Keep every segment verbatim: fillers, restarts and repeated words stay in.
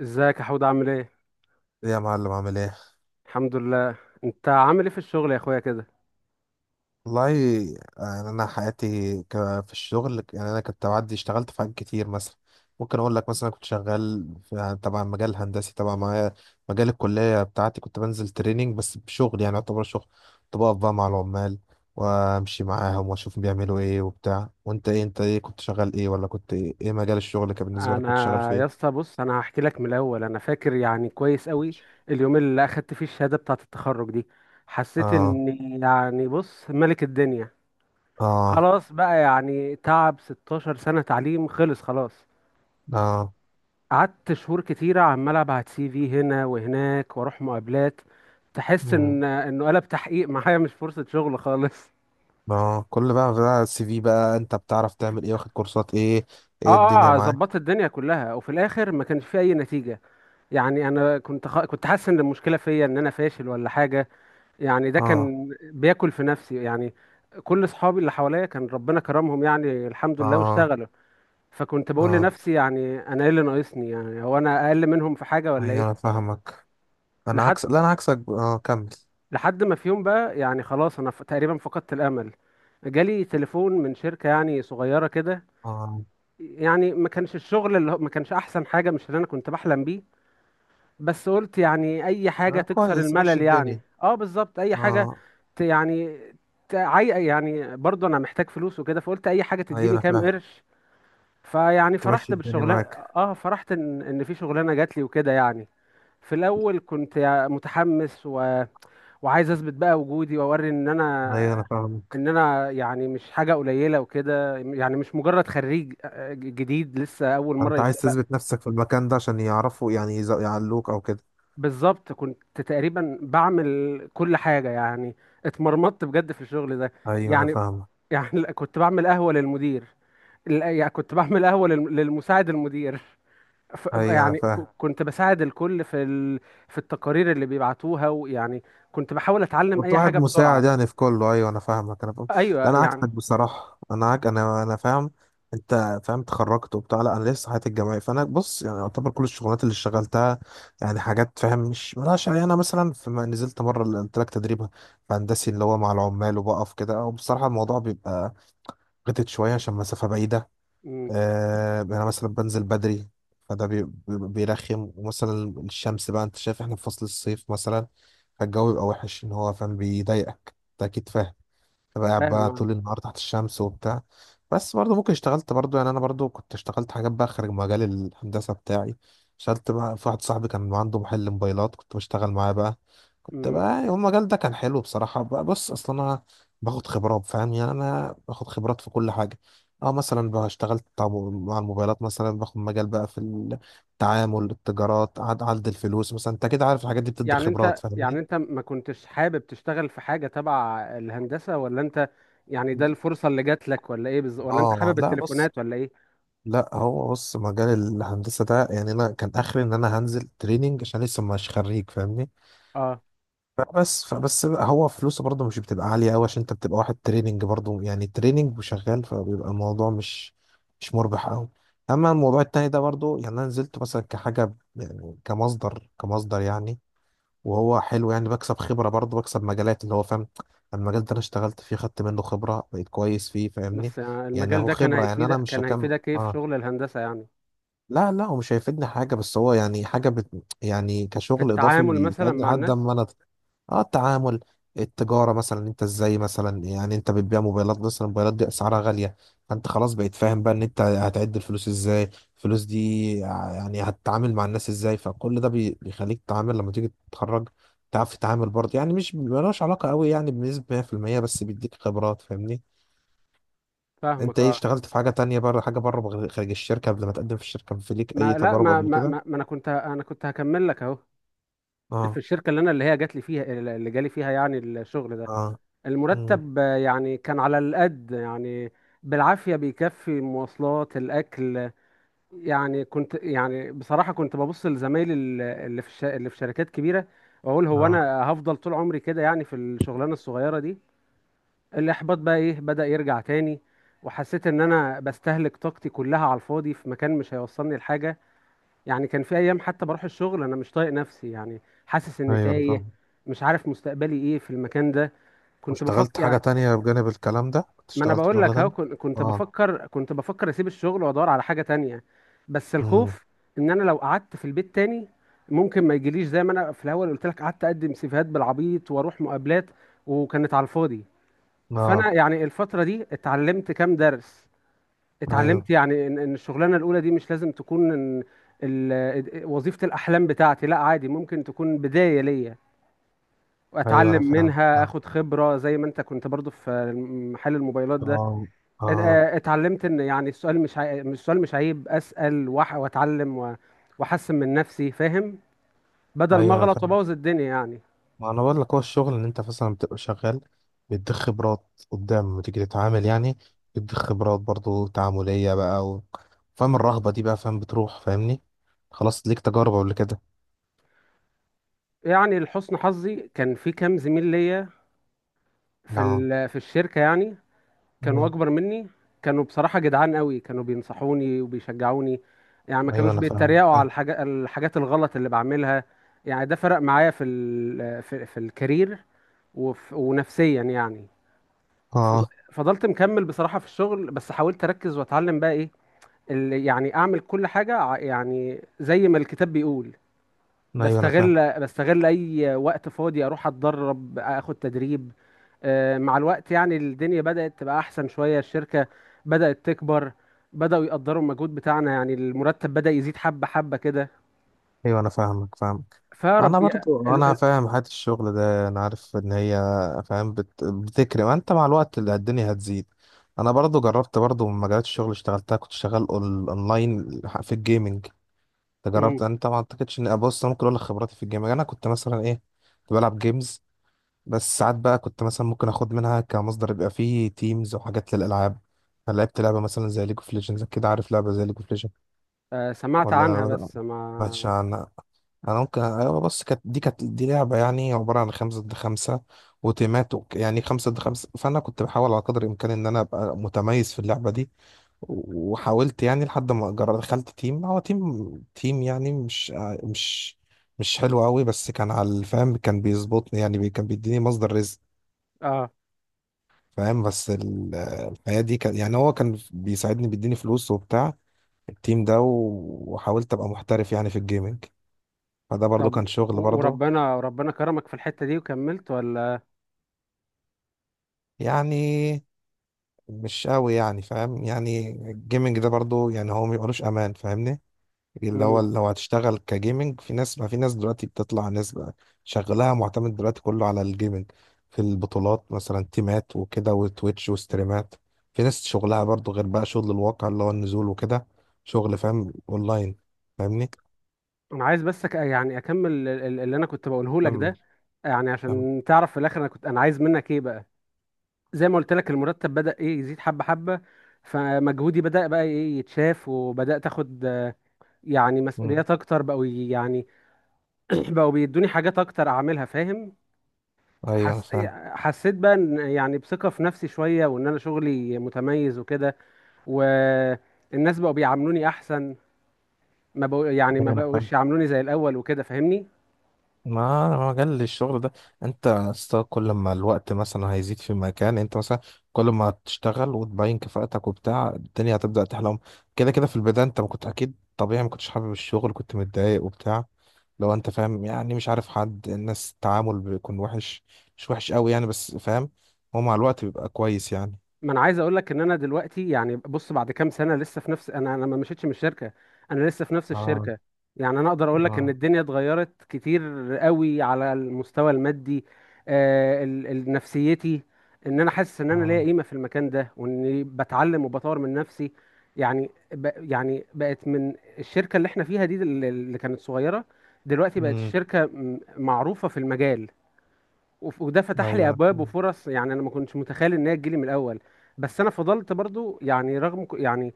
ازيك يا حود، عامل ايه؟ إيه يا معلم عامل ايه؟ الحمد لله. انت عامل ايه في الشغل يا اخويا كده؟ والله يعني انا حياتي ك- في الشغل. يعني انا كنت بعدي اشتغلت في حاجات كتير. مثلا ممكن اقول لك، مثلا كنت شغال في، يعني تبع مجال هندسي تبع معايا، مجال الكليه بتاعتي. كنت بنزل تريننج، بس بشغل يعني يعتبر شغل. كنت بقف بقى مع العمال وامشي معاهم واشوف بيعملوا ايه وبتاع. وانت ايه؟ انت ايه كنت شغال ايه، ولا كنت ايه، إيه مجال الشغل كان بالنسبه لك؟ كنت شغال انا في يا ايه؟ اسطى، بص، انا هحكي لك من الاول. انا فاكر يعني كويس قوي اليوم اللي اخدت فيه الشهاده بتاعه التخرج دي. حسيت اه، اني يعني بص ملك الدنيا. اه، خلاص بقى، يعني تعب ستاشر سنه تعليم، خلص خلاص. اه، قعدت شهور كتيره عمال ابعت سي في هنا وهناك واروح مقابلات. تحس مم. ان انه قلب تحقيق معايا، مش فرصه شغل خالص. اه، كل بقى بقى السي في، بقى انت بتعرف تعمل ايه، واخد كورسات ايه، اه ايه الدنيا اه آه، معاك؟ ظبطت الدنيا كلها وفي الاخر ما كانش في اي نتيجه. يعني انا كنت خ... كنت حاسس ان المشكله فيا، ان انا فاشل ولا حاجه. يعني ده اه، كان بياكل في نفسي يعني. كل اصحابي اللي حواليا كان ربنا كرمهم يعني الحمد لله اه، واشتغلوا. فكنت بقول اه، لنفسي، يعني انا ايه اللي ناقصني؟ يعني هو انا اقل منهم في حاجه ولا ايوه ايه؟ انا فاهمك. انا لحد عكس، لا انا عكسك ب- اه، كمل. لحد ما في يوم بقى، يعني خلاص، انا ف... تقريبا فقدت الامل. جالي تليفون من شركه يعني صغيره كده. اه، يعني ما كانش الشغل اللي هو ما كانش احسن حاجه، مش اللي انا كنت بحلم بيه. بس قلت يعني اي حاجة آه، تكسر كويس، ماشي الملل، يعني الدنيا. اه بالظبط اي حاجة. اه، ت يعني تعي يعني برضه انا محتاج فلوس وكده، فقلت اي حاجة ايوه تديني انا كام فاهم. قرش. فيعني تمشي فرحت الدنيا بالشغلانة. معاك. اه، فرحت ان ان في شغلانة جات لي وكده يعني. في الاول كنت يع- متحمس، و... وعايز اثبت بقى وجودي واوري ان ايوه انا انا فاهمك. ان انا يعني مش حاجة قليلة وكده، يعني مش مجرد خريج آه، جديد لسه اول انت مرة. عايز تثبت نفسك في المكان ده عشان يعرفوا، يعني يز- يعلوك او كده. بالظبط كنت تقريبا بعمل كل حاجة يعني. اتمرمطت بجد في الشغل ده. ايوه انا يعني فاهمك. يعني كنت بعمل قهوة للمدير. لا، يعني كنت بعمل قهوة للم- للمساعد المدير. ف- ايوه انا يعني فاهم. ك- كنت بساعد الكل في ال... في التقارير اللي بيبعتوها ويعني كنت بحاول اتعلم كنت اي واحد حاجة مساعد بسرعة. يعني في كله. ايوه انا فاهمك، انا فاهم. ايوه لا انا عكسك يعني. بصراحه، انا عك... انا انا فاهم. انت فاهم، اتخرجت وبتاع. لا انا لسه حياتي الجامعيه، فانا بص، يعني يعتبر كل الشغلات اللي اشتغلتها يعني حاجات، فاهم، مش ملهاش يعني. انا مثلا فيما نزلت مره اللي قلت لك، تدريب هندسي اللي هو مع العمال وبقف كده، وبصراحه الموضوع بيبقى غتت شويه عشان مسافه بعيده. مم، آه، يعني انا مثلا بنزل بدري، فده بي- بي- بيرخم. ومثلا الشمس بقى، انت شايف احنا في فصل الصيف مثلا، فالجو بيبقى وحش، ان هو فاهم، بيضايقك، انت اكيد فاهم. تبقى قاعد فاهم بقى أنا. طول النهار تحت الشمس وبتاع. بس برضه ممكن اشتغلت برضه، يعني انا برضه كنت اشتغلت حاجات بقى خارج مجال الهندسه بتاعي. اشتغلت بقى في، واحد صاحبي كان عنده محل موبايلات، كنت بشتغل معاه بقى. كنت مم. بقى يعني المجال ده كان حلو بصراحه بقى. بص اصلا انا باخد خبرات، فاهم، يعني انا باخد خبرات في كل حاجه. اه، مثلا بقى اشتغلت بتاع م- مع الموبايلات، مثلا باخد مجال بقى في التعامل، التجارات، عد عد الفلوس مثلا، انت كده عارف الحاجات دي بتدي يعني خبرات، انت، يعني فاهمني. انت ما كنتش حابب تشتغل في حاجة تبع الهندسة، ولا انت يعني ده الفرصة اللي جات لك ولا ايه بالظبط، ولا انت اه، حابب لا بص، التليفونات ولا ايه؟ لا هو بص مجال الهندسة ده يعني أنا كان آخري إن أنا هنزل تريننج عشان لسه مش خريج، فاهمني. اه. فبس فبس بقى هو فلوسه برضه مش بتبقى عالية أوي، عشان أنت بتبقى واحد تريننج برضه، يعني تريننج وشغال، فبيبقى الموضوع مش مش مربح أوي. أما الموضوع التاني ده برضه يعني أنا نزلت مثلا كحاجة، يعني كمصدر، كمصدر يعني. وهو حلو، يعني بكسب خبرة برضه، بكسب مجالات اللي هو فاهم. المجال ده أنا اشتغلت فيه، خدت منه خبرة، بقيت كويس فيه، فاهمني. بس يعني يعني المجال هو ده كان خبرة، يعني أنا هيفيدك مش كان هكمل. هيفيدك ايه في آه. شغل الهندسة يعني؟ لا لا هو مش هيفيدني حاجة، بس هو يعني حاجة بت... يعني في كشغل إضافي التعامل مثلا بيساعدني مع لحد الناس؟ أما أنا. آه، التعامل، التجارة مثلا، أنت إزاي مثلا، يعني أنت بتبيع موبايلات مثلا، الموبايلات دي أسعارها غالية، فأنت خلاص بقيت فاهم بقى إن أنت هتعد الفلوس إزاي، الفلوس دي ع- يعني هتتعامل مع الناس إزاي. فكل ده بي- بيخليك تتعامل لما تيجي تتخرج، تعرف تتعامل برضه، يعني مش ملوش علاقة قوي يعني بنسبة مية في المية، بس بيديك خبرات، فاهمني. أنت فاهمك، إيه، اه. اشتغلت في حاجة تانية بره، حاجة بره خارج الشركة قبل ما تقدم في الشركة؟ في ليك أي ما لا تجارب ما قبل ما, كده؟ ما, ما انا كنت انا كنت هكمل لك اهو. في اه، الشركة اللي انا اللي هي جات لي فيها، اللي جالي فيها يعني الشغل ده، اه، مم. المرتب آه، يعني كان على القد، يعني بالعافية بيكفي مواصلات الأكل. يعني كنت، يعني بصراحة كنت ببص لزمايلي ال- اللي في الش... اللي في شركات كبيرة، واقول هو اه، انا هفضل طول عمري كده يعني في الشغلانة الصغيرة دي؟ الاحباط بقى ايه بدأ يرجع تاني. وحسيت ان انا بستهلك طاقتي كلها على الفاضي في مكان مش هيوصلني لحاجة. يعني كان في ايام حتى بروح الشغل انا مش طايق نفسي، يعني حاسس اني ايوه انا تايه، فاهم. مش عارف مستقبلي ايه في المكان ده. كنت بفكر، واشتغلت حاجة تانية بجانب الكلام ده؟ كنت ما انا اشتغلت في بقول شغلة لك اهو، تانية؟ كن- كنت اه، بفكر كنت بفكر اسيب الشغل وادور على حاجه تانية. بس مم. الخوف ان انا لو قعدت في البيت تاني ممكن ما يجيليش، زي ما انا في الاول قلت لك، قعدت اقدم سيفيهات بالعبيط واروح مقابلات وكانت على الفاضي. فانا اه، يعني الفتره دي اتعلمت كام درس. ايوه، اتعلمت يعني ان إن الشغلانه الاولى دي مش لازم تكون إن ال- وظيفه الاحلام بتاعتي، لا عادي ممكن تكون بدايه ليا ايوه انا واتعلم فاهم، منها، فاهم. اخد خبره زي ما انت كنت برضو في محل الموبايلات ده. اه، ات- اه، اه، اتعلمت ان يعني السؤال، مش عي... مش- السؤال مش عيب، اسال وأح... واتعلم، و... واحسن من نفسي، فاهم؟ بدل ما ايوه انا اغلط فاهم. وابوظ الدنيا يعني. ما انا بقول لك، هو الشغل ان انت مثلا بتبقى شغال، بيديك خبرات قدام لما تيجي تتعامل يعني، بيديك خبرات برضو تعاملية بقى، و... فاهم الرهبة دي بقى، فاهم بتروح، فاهمني. خلاص، ليك تجارب قبل كده. يعني لحسن حظي كان في كام زميل ليا في اه، ال... في الشركه يعني، كانوا مم. اكبر مني، كانوا بصراحه جدعان قوي، كانوا بينصحوني وبيشجعوني، يعني ما ايوه كانوش انا فاهم، بيتريقوا على اه. الحاجة... الحاجات الغلط اللي بعملها. يعني ده فرق معايا في ال... في, في الكارير وف... ونفسيا يعني. فض- آه. فضلت مكمل بصراحة في الشغل، بس حاولت أركز وأتعلم بقى إيه اللي يعني أعمل كل حاجة، ع- يعني زي ما الكتاب بيقول. ايوه انا فاهم. بستغل بستغل أي وقت فاضي أروح أتدرب، أخد تدريب. آه، مع الوقت يعني الدنيا بدأت تبقى أحسن شوية، الشركة بدأت تكبر، بدأوا يقدروا المجهود بتاعنا، يعني المرتب بدأ يزيد حبة حبة كده. ايوه انا فاهمك، فاهم. انا فرب يا- برضو ال... انا ال... فاهم حياة الشغل ده، انا عارف ان هي، فاهم، بت... بتكرم، ما انت مع الوقت اللي الدنيا هتزيد. انا برضو جربت برضو من مجالات الشغل اللي اشتغلتها، كنت شغال أون- اونلاين في الجيمنج. انت مم. جربت؟ انت ما اعتقدش ان، بص انا ممكن اقول لك خبراتي في الجيمنج. انا كنت مثلا ايه، كنت بلعب جيمز، بس ساعات بقى كنت مثلا ممكن اخد منها كمصدر، يبقى فيه تيمز وحاجات للالعاب. فلعبت لعبة مثلا زي ليج اوف ليجندز. كده عارف لعبة زي ليج اوف ليجندز، آه، سمعت ولا عنها ما بس سمعتش ما. عنها؟ انا ممكن، ايوه، بس كانت دي، كانت دي لعبه يعني عباره عن خمسة ضد خمسة وتيمات وك- يعني خمسة ضد خمسة. فانا كنت بحاول على قدر الامكان ان انا ابقى متميز في اللعبه دي. و- وحاولت يعني لحد ما جر- دخلت تيم، هو تيم، تيم يعني مش مش مش حلو قوي، بس كان على الفهم، كان بيظبطني يعني، بي كان بيديني مصدر رزق، آه. فاهم. بس ال- الحياه دي كان يعني، هو كان بيساعدني، بيديني فلوس وبتاع التيم ده. و- وحاولت ابقى محترف يعني في الجيمنج، فده برضو طب، كان شغل و- برضو. وربنا وربنا كرمك في الحتة دي وكملت ولا؟ يعني مش قوي يعني، فاهم، يعني الجيمنج ده برضو يعني هو ميبقالوش امان، فاهمني. اللي هو امم اللي هو هتشتغل كجيمنج، في ناس ما، في ناس دلوقتي بتطلع، ناس بقى شغلها معتمد دلوقتي كله على الجيمنج، في البطولات مثلا، تيمات وكده، وتويتش وستريمات. في ناس شغلها برضو غير بقى، شغل الواقع اللي هو النزول وكده، شغل، فاهم، اونلاين، فاهمني. انا عايز بس، أك... يعني اكمل ال- ال- اللي انا كنت بقوله لك كم، ده، يعني كم، عشان تعرف في الاخر انا كنت انا عايز منك ايه بقى. زي ما قلت لك، المرتب بدأ ايه يزيد حبة حبة، فمجهودي بدأ بقى ايه يتشاف، وبدأت اخد آه، يعني مم. مسؤوليات اكتر. بقوا ي- يعني بقوا بيدوني حاجات اكتر اعملها، فاهم؟ ايوه أنا حس... فاهم. حسيت بقى ان يعني بثقة في نفسي شوية، وان انا شغلي متميز وكده، والناس بقوا بيعاملوني احسن، ما بقوا يعني ما ايوه انا فاهم. بقوش يعاملوني زي الاول وكده، فاهمني؟ ما ما جال الشغل ده، انت يا اسطى كل ما الوقت مثلا هيزيد في مكان، انت مثلا كل ما تشتغل وتبين كفاءتك وبتاع، الدنيا هتبدأ تحلم كده كده. في البداية انت ما كنت، اكيد طبيعي، ما كنتش حابب الشغل، كنت متضايق وبتاع. لو انت فاهم يعني، مش عارف حد، الناس التعامل بيكون وحش، مش وحش قوي يعني، بس فاهم، هو مع الوقت بيبقى كويس يعني. ما انا عايز اقول لك ان انا دلوقتي، يعني بص بعد كام سنه، لسه في نفس، انا انا ما مشيتش من الشركه، انا لسه في نفس اه، الشركه. يعني انا اقدر اقول لك ان اه، الدنيا اتغيرت كتير قوي، على المستوى المادي، آه ال- ال- نفسيتي، ان انا حاسس ان انا ليا اه، قيمه في المكان ده، واني بتعلم وبطور من نفسي. يعني ب يعني بقت من الشركه اللي احنا فيها دي، دل- اللي كانت صغيره دلوقتي بقت امم، الشركه م- معروفه في المجال، وف- وده فتح لي ايوه، ابواب وفرص يعني انا ما كنتش متخيل ان هي تجيلي من الاول. بس انا فضلت برضو، يعني رغم ك- يعني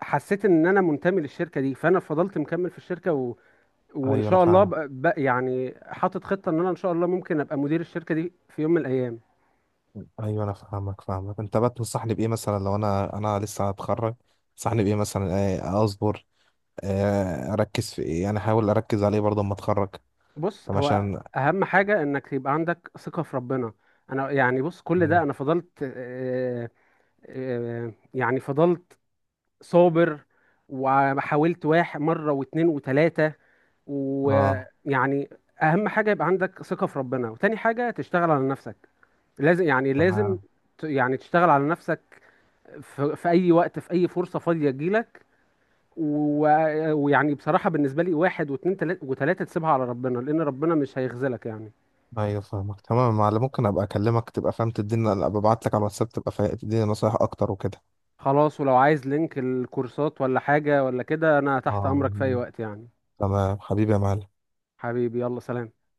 حسيت ان انا منتمي للشركه دي، فانا فضلت مكمل في الشركه، و... وان ايوه انا شاء الله، فاهمك. ب... ب... يعني حاطط خطه ان انا ان شاء الله ممكن ابقى مدير الشركه دي في يوم من الايام. ايوه انا فاهمك، فاهمك. انت بقى تنصحني بايه مثلا لو انا، انا لسه هتخرج، تنصحني بايه مثلا؟ آه، اصبر؟ آه، اركز في ايه يعني؟ احاول اركز عليه برضه اما اتخرج؟ بص، طب هو عشان، اهم حاجه انك يبقى عندك ثقه في ربنا. انا يعني بص، كل ده انا فضلت، آه، آه، يعني فضلت صابر، وحاولت واحد مره واتنين وتلاته اه، ويعني، اهم حاجه يبقى عندك ثقه في ربنا، وتاني حاجه تشتغل على نفسك. لازم، يعني لازم تمام. ت- يعني تشتغل على نفسك في, في اي وقت، في اي فرصه فاضيه تجيلك، و- ويعني بصراحه بالنسبه لي، واحد واتنين تلا- وتلاته تسيبها على ربنا، لان ربنا مش هيخذلك يعني. ايوه فاهمك، تمام. معلم، ممكن ابقى اكلمك، تبقى فاهم تديني، ابقى ابعت لك على الواتساب، تبقى فا- تديني نصايح اكتر وكده. خلاص، ولو عايز لينك الكورسات ولا حاجه ولا كده انا تحت اه، امرك في اي وقت يعني. تمام حبيبي يا معلم. حبيبي، يلا سلام.